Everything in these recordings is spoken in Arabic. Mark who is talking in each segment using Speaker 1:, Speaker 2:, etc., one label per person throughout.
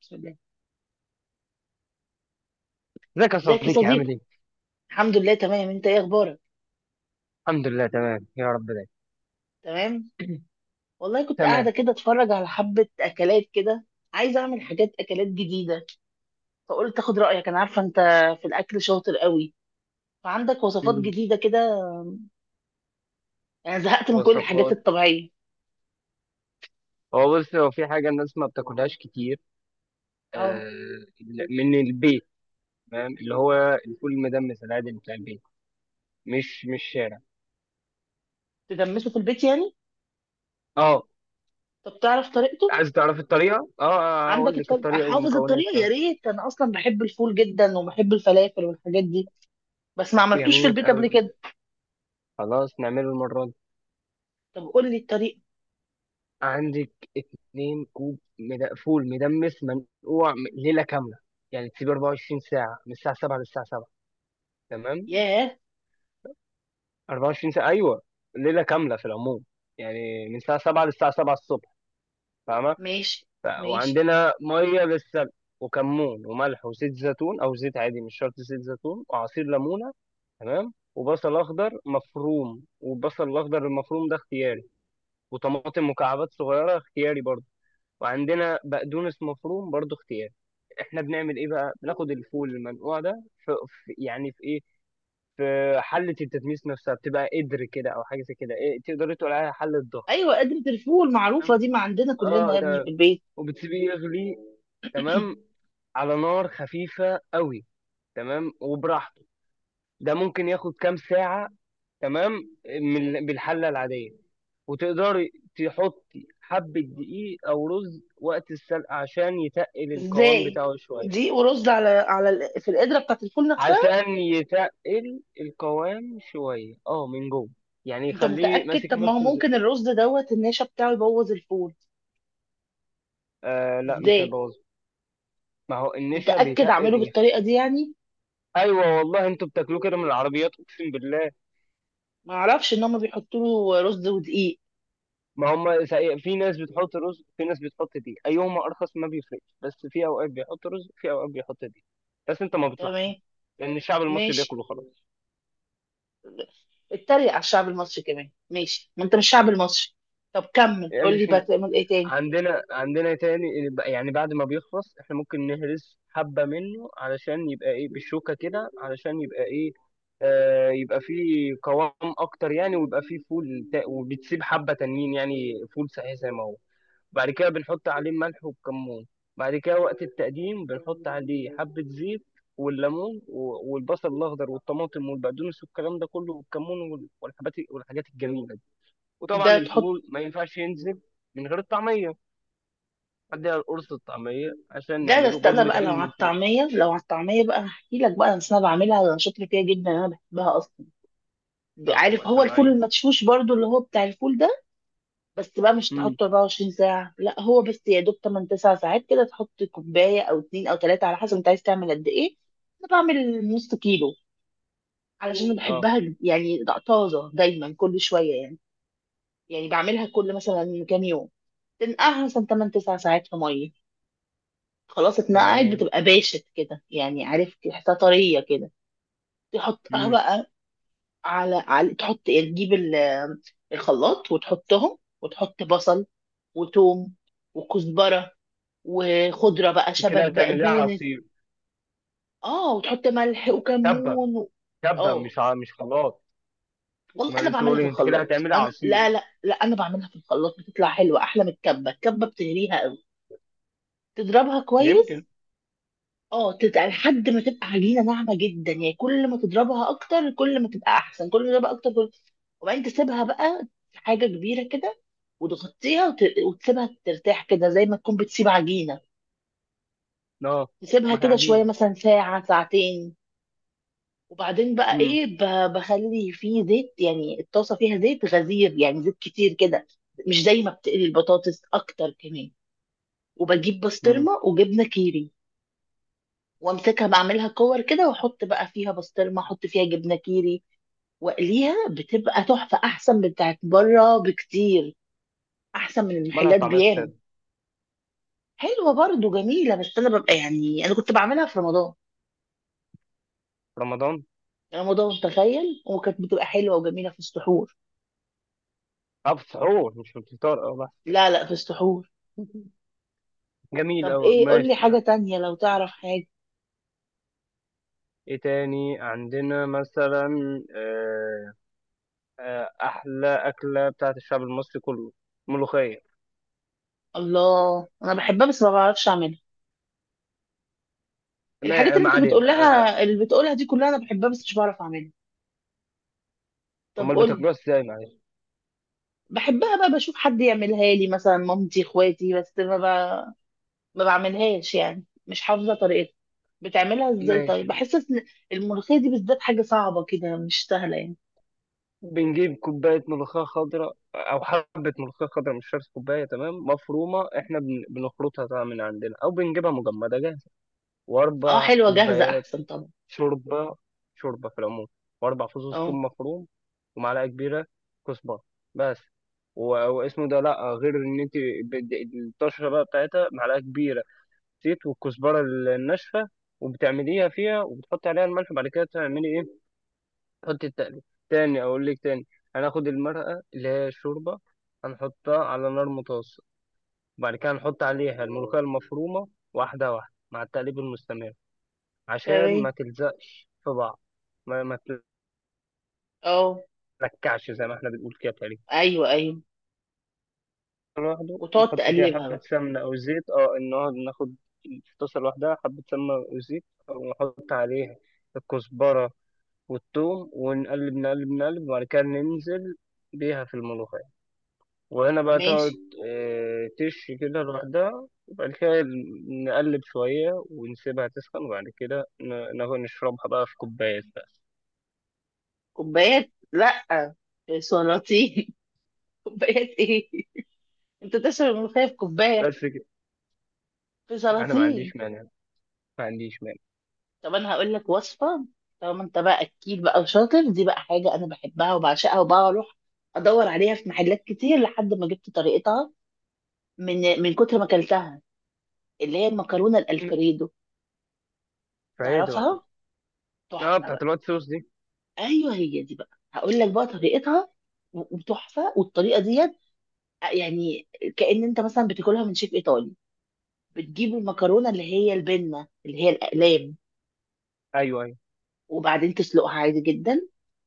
Speaker 1: بسم الله.
Speaker 2: ازيك يا
Speaker 1: ازيك يا
Speaker 2: صديقي، عامل
Speaker 1: صديقي؟
Speaker 2: ايه؟
Speaker 1: الحمد لله تمام، انت ايه اخبارك؟
Speaker 2: الحمد لله تمام يا رب دايما.
Speaker 1: تمام. والله كنت
Speaker 2: تمام.
Speaker 1: قاعده كده اتفرج على حبه اكلات كده. عايزه اعمل حاجات اكلات جديده، فقلت اخد رايك. انا عارفه انت في الاكل شاطر قوي، فعندك وصفات
Speaker 2: مم.
Speaker 1: جديده كده؟ انا زهقت من كل الحاجات
Speaker 2: وصفات.
Speaker 1: الطبيعيه.
Speaker 2: هو بص، هو في حاجة الناس ما بتاكلهاش كتير.
Speaker 1: اه،
Speaker 2: آه. من البيت. تمام، اللي هو الفول المدمس العادي اللي بتاع البيت، مش شارع.
Speaker 1: تدمسه في البيت يعني؟
Speaker 2: اه.
Speaker 1: طب تعرف طريقته؟
Speaker 2: عايز تعرف الطريقة؟ اه، اقول
Speaker 1: عندك
Speaker 2: لك
Speaker 1: الطريقه؟
Speaker 2: الطريقة
Speaker 1: حافظ
Speaker 2: والمكونات
Speaker 1: الطريقه؟ يا
Speaker 2: كمان.
Speaker 1: ريت. انا اصلا بحب الفول جدا وبحب الفلافل والحاجات دي، بس ما عملتوش في
Speaker 2: جميل
Speaker 1: البيت قبل
Speaker 2: أوي.
Speaker 1: كده.
Speaker 2: خلاص نعمله المرة دي.
Speaker 1: طب قول لي الطريقه.
Speaker 2: عندك اتنين كوب فول مدمس منقوع ليلة كاملة. يعني تسيب 24 ساعة، من الساعة 7 للساعة 7. تمام.
Speaker 1: ياه.
Speaker 2: 24 ساعة، أيوه. ليلة كاملة في العموم، يعني من الساعة 7 للساعة 7 الصبح. فاهمة؟
Speaker 1: ماشي. ماشي.
Speaker 2: وعندنا مية للسلق، وكمون وملح وزيت زيتون أو زيت عادي، مش شرط زيت زيتون، وعصير ليمونة. تمام. وبصل أخضر مفروم، والبصل الأخضر المفروم ده اختياري. وطماطم مكعبات صغيرة، اختياري برضه. وعندنا بقدونس مفروم، برضه اختياري. احنا بنعمل ايه بقى؟ بناخد الفول المنقوع ده في... يعني في ايه، في حلة التتميس نفسها. بتبقى قدر كده أو حاجة زي كده، إيه، تقدري تقولي عليها حلة ضغط.
Speaker 1: ايوه، قدرة الفول
Speaker 2: تمام؟
Speaker 1: المعروفة دي ما عندنا كلنا
Speaker 2: اه،
Speaker 1: يا ابني
Speaker 2: تمام.
Speaker 1: في البيت.
Speaker 2: وبتسيبيه يغلي. تمام. على نار خفيفة قوي. تمام، وبراحته. ده ممكن ياخد كام ساعة؟ تمام. من بالحلة العادية. وتقدري تحطي حبة دقيق أو رز وقت السلق، عشان يتقل القوام
Speaker 1: ازاي؟
Speaker 2: بتاعه شوية.
Speaker 1: دي ورز على ال- في القدرة بتاعت الفول نفسها؟
Speaker 2: عشان يتقل القوام شوية، اه، من جوه، يعني
Speaker 1: انت
Speaker 2: يخليه
Speaker 1: متأكد؟
Speaker 2: ماسك
Speaker 1: طب ما هو
Speaker 2: نفسه.
Speaker 1: ممكن الرز دوت النشا بتاعه يبوظ الفول.
Speaker 2: آه لا، مش
Speaker 1: ازاي؟
Speaker 2: هيبوظ. ما هو النشا
Speaker 1: متأكد
Speaker 2: بيتق
Speaker 1: اعمله
Speaker 2: بيخ.
Speaker 1: بالطريقة دي يعني؟
Speaker 2: ايوه والله، انتوا بتاكلوه كده من العربيات، اقسم بالله.
Speaker 1: ما اعرفش ان هم بيحطوا له رز ودقيق.
Speaker 2: ما هم سا- في ناس بتحط رز، في ناس بتحط دي. ايهما ارخص ما بيفرقش، بس في اوقات بيحط رز، في اوقات بيحط دي. بس انت ما بتلاحظش.
Speaker 1: تمام.
Speaker 2: لان الشعب المصري
Speaker 1: ماشي.
Speaker 2: بياكل وخلاص.
Speaker 1: اتريق على الشعب المصري كمان؟ ماشي، ما انت مش شعب المصري. طب كمل
Speaker 2: يعني
Speaker 1: قول لي
Speaker 2: مش
Speaker 1: بتعمل ايه تاني.
Speaker 2: عندنا تاني. يعني بعد ما بيخلص، احنا ممكن نهرس حبة منه علشان يبقى ايه بالشوكة كده، علشان يبقى ايه، آه، يبقى فيه قوام اكتر يعني. ويبقى فيه فول وبتسيب حبة تانيين، يعني فول صحيح زي ما هو. بعد كده بنحط عليه ملح وكمون. بعد كده، وقت التقديم، بنحط عليه حبة زيت والليمون والبصل الاخضر والطماطم والبقدونس والكلام ده كله، والكمون والحاجات الجميلة دي.
Speaker 1: ده.
Speaker 2: وطبعا الفول ما ينفعش ينزل من غير الطعمية. اديها القرص الطعميه عشان
Speaker 1: لا، ده لو
Speaker 2: نعمله برضه،
Speaker 1: استنى بقى، لو
Speaker 2: بيتعمل
Speaker 1: على
Speaker 2: من فوق.
Speaker 1: الطعمية، لو على الطعمية بقى هحكي لك بقى. أصل أنا بعملها، أنا شاطرة فيها جدا، أنا بحبها أصلا.
Speaker 2: طب
Speaker 1: عارف
Speaker 2: هو
Speaker 1: هو الفول
Speaker 2: سماعين؟
Speaker 1: المدشوش برضو اللي هو بتاع الفول ده؟ بس بقى مش
Speaker 2: امم.
Speaker 1: تحطه 24 ساعة، لا هو بس يا دوب 8 9 ساعات كده. تحط كوباية أو اتنين أو تلاتة على حسب أنت عايز تعمل قد إيه. أنا بعمل نص كيلو علشان أنا
Speaker 2: اه،
Speaker 1: بحبها يعني طازة دايما كل شوية يعني. يعني بعملها كل مثلا كام يوم. تنقعها مثلا 8 9 ساعات في مية. خلاص، اتنقعت
Speaker 2: تمام.
Speaker 1: بتبقى باشت كده يعني، عارف، تحسها طرية كده. تحطها
Speaker 2: امم.
Speaker 1: بقى على على تحط يعني، تجيب الخلاط وتحطهم، وتحط بصل وتوم وكزبرة وخضرة بقى،
Speaker 2: انت
Speaker 1: شبت
Speaker 2: كده هتعمل ايه،
Speaker 1: بقدونس.
Speaker 2: عصير؟
Speaker 1: اه، وتحط ملح
Speaker 2: تبه.
Speaker 1: وكمون
Speaker 2: تبه،
Speaker 1: اه
Speaker 2: مش خلاط.
Speaker 1: والله
Speaker 2: ما أنا
Speaker 1: انا
Speaker 2: لسه
Speaker 1: بعملها
Speaker 2: بقول
Speaker 1: في
Speaker 2: لك، انت كده
Speaker 1: الخلاط
Speaker 2: هتعمل ايه،
Speaker 1: انا.
Speaker 2: عصير؟
Speaker 1: لا لا لا، انا بعملها في الخلاط بتطلع حلوه، احلى من الكبه. الكبه بتهريها قوي. تضربها كويس.
Speaker 2: يمكن.
Speaker 1: اه، لحد ما تبقى عجينه ناعمه جدا يعني. كل ما تضربها اكتر كل ما تبقى احسن، كل ما تضربها اكتر كل. وبعدين تسيبها بقى في حاجه كبيره كده وتغطيها وتسيبها ترتاح كده زي ما تكون بتسيب عجينه.
Speaker 2: اه.
Speaker 1: تسيبها
Speaker 2: ما هي
Speaker 1: كده
Speaker 2: عجينه.
Speaker 1: شويه مثلا ساعه ساعتين. وبعدين بقى
Speaker 2: امم.
Speaker 1: ايه، بخلي فيه زيت يعني، الطاسه فيها زيت غزير يعني، زيت كتير كده، مش زي ما بتقلي البطاطس اكتر كمان. وبجيب
Speaker 2: امم.
Speaker 1: بسطرمه وجبنه كيري. وامسكها بعملها كور كده واحط بقى فيها بسطرمه، احط فيها جبنه كيري واقليها، بتبقى تحفه احسن من بتاعت بره بكتير، احسن من
Speaker 2: مالها
Speaker 1: المحلات
Speaker 2: الطعميه
Speaker 1: بياما.
Speaker 2: الساده؟
Speaker 1: حلوه برضه جميله، بس انا ببقى يعني انا كنت بعملها في رمضان.
Speaker 2: رمضان.
Speaker 1: رمضان تخيل، وكانت بتبقى حلوه وجميله في السحور.
Speaker 2: اه، في السحور مش في الفطار، اه.
Speaker 1: لا لا، في السحور.
Speaker 2: بس. جميل
Speaker 1: طب
Speaker 2: أوي،
Speaker 1: ايه، قول لي
Speaker 2: ماشي.
Speaker 1: حاجه تانية لو تعرف حاجه.
Speaker 2: ايه تاني عندنا مثلا؟ آه، احلى اكله بتاعت الشعب المصري كله، ملوخيه.
Speaker 1: الله، انا بحبها بس ما بعرفش اعملها. الحاجات
Speaker 2: ما
Speaker 1: اللي
Speaker 2: ما
Speaker 1: انت
Speaker 2: علينا.
Speaker 1: بتقولها، اللي بتقولها دي كلها انا بحبها بس مش بعرف اعملها. طب
Speaker 2: امال
Speaker 1: قول لي.
Speaker 2: بتاكلوها ازاي؟ معلش.
Speaker 1: بحبها بقى، بشوف حد يعملها لي مثلا مامتي اخواتي، بس ما بعملهاش يعني، مش حافظه طريقتها. بتعملها ازاي؟ طيب،
Speaker 2: ماشي.
Speaker 1: بحس إن الملوخيه دي بالذات حاجه صعبه كده، مش سهله يعني.
Speaker 2: بنجيب كوبايه ملوخيه خضراء او حبه ملوخيه خضراء، مش شرط كوبايه، تمام، مفرومه. احنا بنخلطها طبعا من عندنا، او بنجيبها مجمده جاهزه.
Speaker 1: اه
Speaker 2: واربع
Speaker 1: حلوه جاهزه
Speaker 2: كوبايات
Speaker 1: احسن طبعا.
Speaker 2: شوربه، شوربه في العموم. واربع فصوص
Speaker 1: اه.
Speaker 2: ثوم مفروم، ومعلقه كبيره كزبره بس. واسمه ده لا غير ان انت بد- الطشره بقى بتاعتها: معلقه كبيره زيت، والكزبره الناشفه. وبتعمليها فيها، وبتحطي عليها الملح، وبعد كده تعملي ايه؟ حط التقليد. تاني، اقول لك تاني. هناخد المرقه اللي هي الشوربه، هنحطها على نار متوسط، وبعد كده هنحط عليها الملوخيه المفرومه واحده واحده مع التقليب المستمر، عشان ما
Speaker 1: تمام.
Speaker 2: تلزقش في بعض. ما
Speaker 1: اه.
Speaker 2: تلكعش، زي ما احنا بنقول كده تقريبا.
Speaker 1: ايوه ايوه.
Speaker 2: لوحده،
Speaker 1: وتقعد
Speaker 2: نحط فيها
Speaker 1: تقلبها
Speaker 2: حبه
Speaker 1: بقى.
Speaker 2: سمنه او زيت. اه. نقعد ناخد في طاسه لوحدها حبه سمنه او زيت، ونحط عليها الكزبره والثوم ونقلب نقلب نقلب. وبعد كده ننزل بيها في الملوخيه، وهنا بقى تقعد
Speaker 1: ماشي.
Speaker 2: تشي كده لوحدها. وبعد كده نقلب شوية ونسيبها تسخن، وبعد كده ناخد نشربها بقى في كوباية بس.
Speaker 1: كوبايات؟ لا، في سلاطين. كوبايات ايه؟ انت تشرب الملوخيه في كوبايه؟
Speaker 2: بس كده.
Speaker 1: في
Speaker 2: أنا ما
Speaker 1: سلاطين.
Speaker 2: عنديش مانع، ما عنديش مانع.
Speaker 1: طب انا هقول لك وصفه. طالما انت بقى اكيد بقى وشاطر، دي بقى حاجه انا بحبها وبعشقها وبقى اروح ادور عليها في محلات كتير لحد ما جبت طريقتها من كتر ما اكلتها. اللي هي المكرونه الالفريدو.
Speaker 2: فهي ده.
Speaker 1: تعرفها؟
Speaker 2: اه،
Speaker 1: تحفه
Speaker 2: بتاعت
Speaker 1: بقى.
Speaker 2: الوايت صوص دي.
Speaker 1: ايوه هي دي بقى، هقول لك بقى طريقتها وتحفه. والطريقه ديت يعني كأن انت مثلا بتاكلها من شيف ايطالي. بتجيب المكرونه اللي هي البنه، اللي هي الاقلام،
Speaker 2: أيوه أيوه.
Speaker 1: وبعدين تسلقها عادي جدا.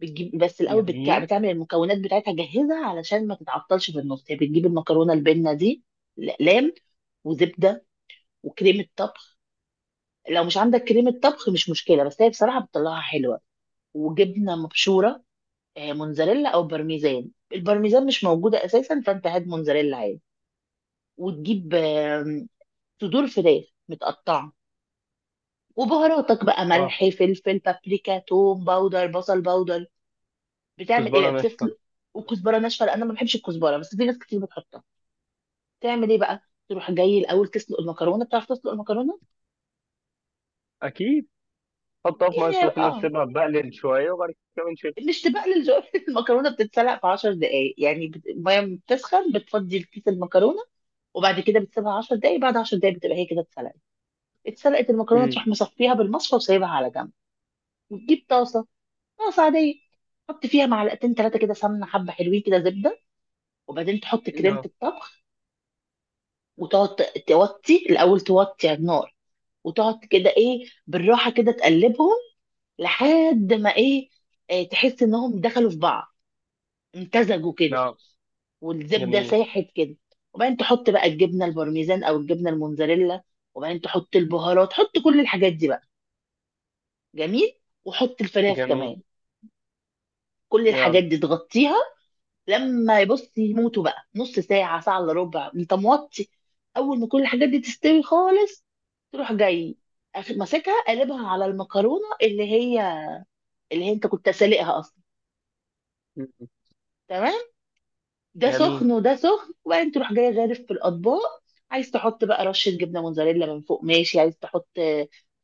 Speaker 1: بتجيب بس الاول،
Speaker 2: جميل.
Speaker 1: بتعمل المكونات بتاعتها جاهزه علشان ما تتعطلش في النص يعني. بتجيب المكرونه البنه دي الاقلام، وزبده وكريمه طبخ. لو مش عندك كريمه طبخ مش مشكله، بس هي بصراحه بتطلعها حلوه. وجبنه مبشوره، موتزاريلا او بارميزان. البارميزان مش موجوده اساسا فانت هات موتزاريلا عادي. وتجيب صدور فراخ متقطعه، وبهاراتك بقى
Speaker 2: اه،
Speaker 1: ملح فلفل بابريكا توم باودر بصل باودر. بتعمل ايه بقى؟
Speaker 2: كزبرة ناشفة.
Speaker 1: بتسلق وكزبره ناشفه لان انا ما بحبش الكزبره بس في ناس كتير بتحطها. تعمل ايه بقى، تروح جاي الاول تسلق المكرونه. بتعرف تسلق المكرونه؟
Speaker 2: أكيد. حطها في مية
Speaker 1: يعني
Speaker 2: سخنة،
Speaker 1: اه،
Speaker 2: تسيبها تبقلل شوية، وبعد كده نشيلها.
Speaker 1: مش تبقلل المكرونه بتتسلق في 10 دقائق يعني، الميه بتسخن بتفضي الكيس المكرونه وبعد كده بتسيبها 10 دقايق، بعد 10 دقايق بتبقى هي كده اتسلقت. اتسلقت المكرونه،
Speaker 2: أمم.
Speaker 1: تروح مصفيها بالمصفى وسايبها على جنب. وتجيب طاسه، طاسه عاديه، تحط فيها معلقتين ثلاثه كده سمنه، حبه حلوين كده، زبده، وبعدين تحط كريمه
Speaker 2: نعم.
Speaker 1: الطبخ. وتقعد توطي الاول، توطي على النار، وتقعد كده ايه بالراحه كده تقلبهم لحد ما ايه، إيه تحس انهم دخلوا في بعض، امتزجوا كده،
Speaker 2: نعم.
Speaker 1: والزبده
Speaker 2: جميل.
Speaker 1: ساحت كده. وبعدين تحط بقى الجبنه البارميزان او الجبنه الموزاريلا. وبعدين تحط البهارات، حط كل الحاجات دي بقى، جميل، وحط الفراخ
Speaker 2: جميل.
Speaker 1: كمان. كل
Speaker 2: يلا.
Speaker 1: الحاجات دي تغطيها، لما يبص يموتوا بقى، نص ساعة ساعة الا ربع انت موطي. اول ما كل الحاجات دي تستوي خالص، تروح جاي ماسكها قلبها على المكرونة اللي هي انت كنت سالقها اصلا.
Speaker 2: أمم.
Speaker 1: تمام. ده
Speaker 2: جميل.
Speaker 1: سخن وده سخن، وبعدين تروح جاي غارف في الاطباق. عايز تحط بقى رشة جبنة موزاريلا من فوق، ماشي، عايز تحط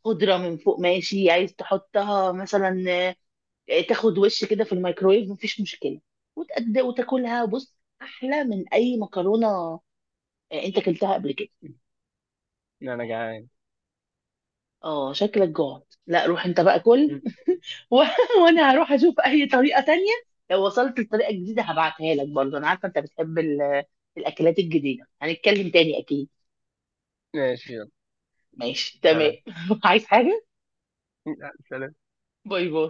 Speaker 1: خضرة من فوق، ماشي، عايز تحطها مثلا تاخد وش كده في الميكرويف، مفيش مشكله، وتاكلها. بص، احلى من اي مكرونه. انت اكلتها قبل كده؟
Speaker 2: أنا جعان.
Speaker 1: اه شكلك جوعت. لا روح انت بقى كل.
Speaker 2: أمم.
Speaker 1: و... وانا هروح اشوف اي طريقه تانية. لو وصلت لطريقه جديده هبعتها لك برضه. انا عارفه انت بتحب الاكلات الجديده. هنتكلم تاني اكيد.
Speaker 2: ماشي يلا.
Speaker 1: ماشي تمام.
Speaker 2: سلام.
Speaker 1: عايز حاجه؟
Speaker 2: لا، سلام.
Speaker 1: باي باي.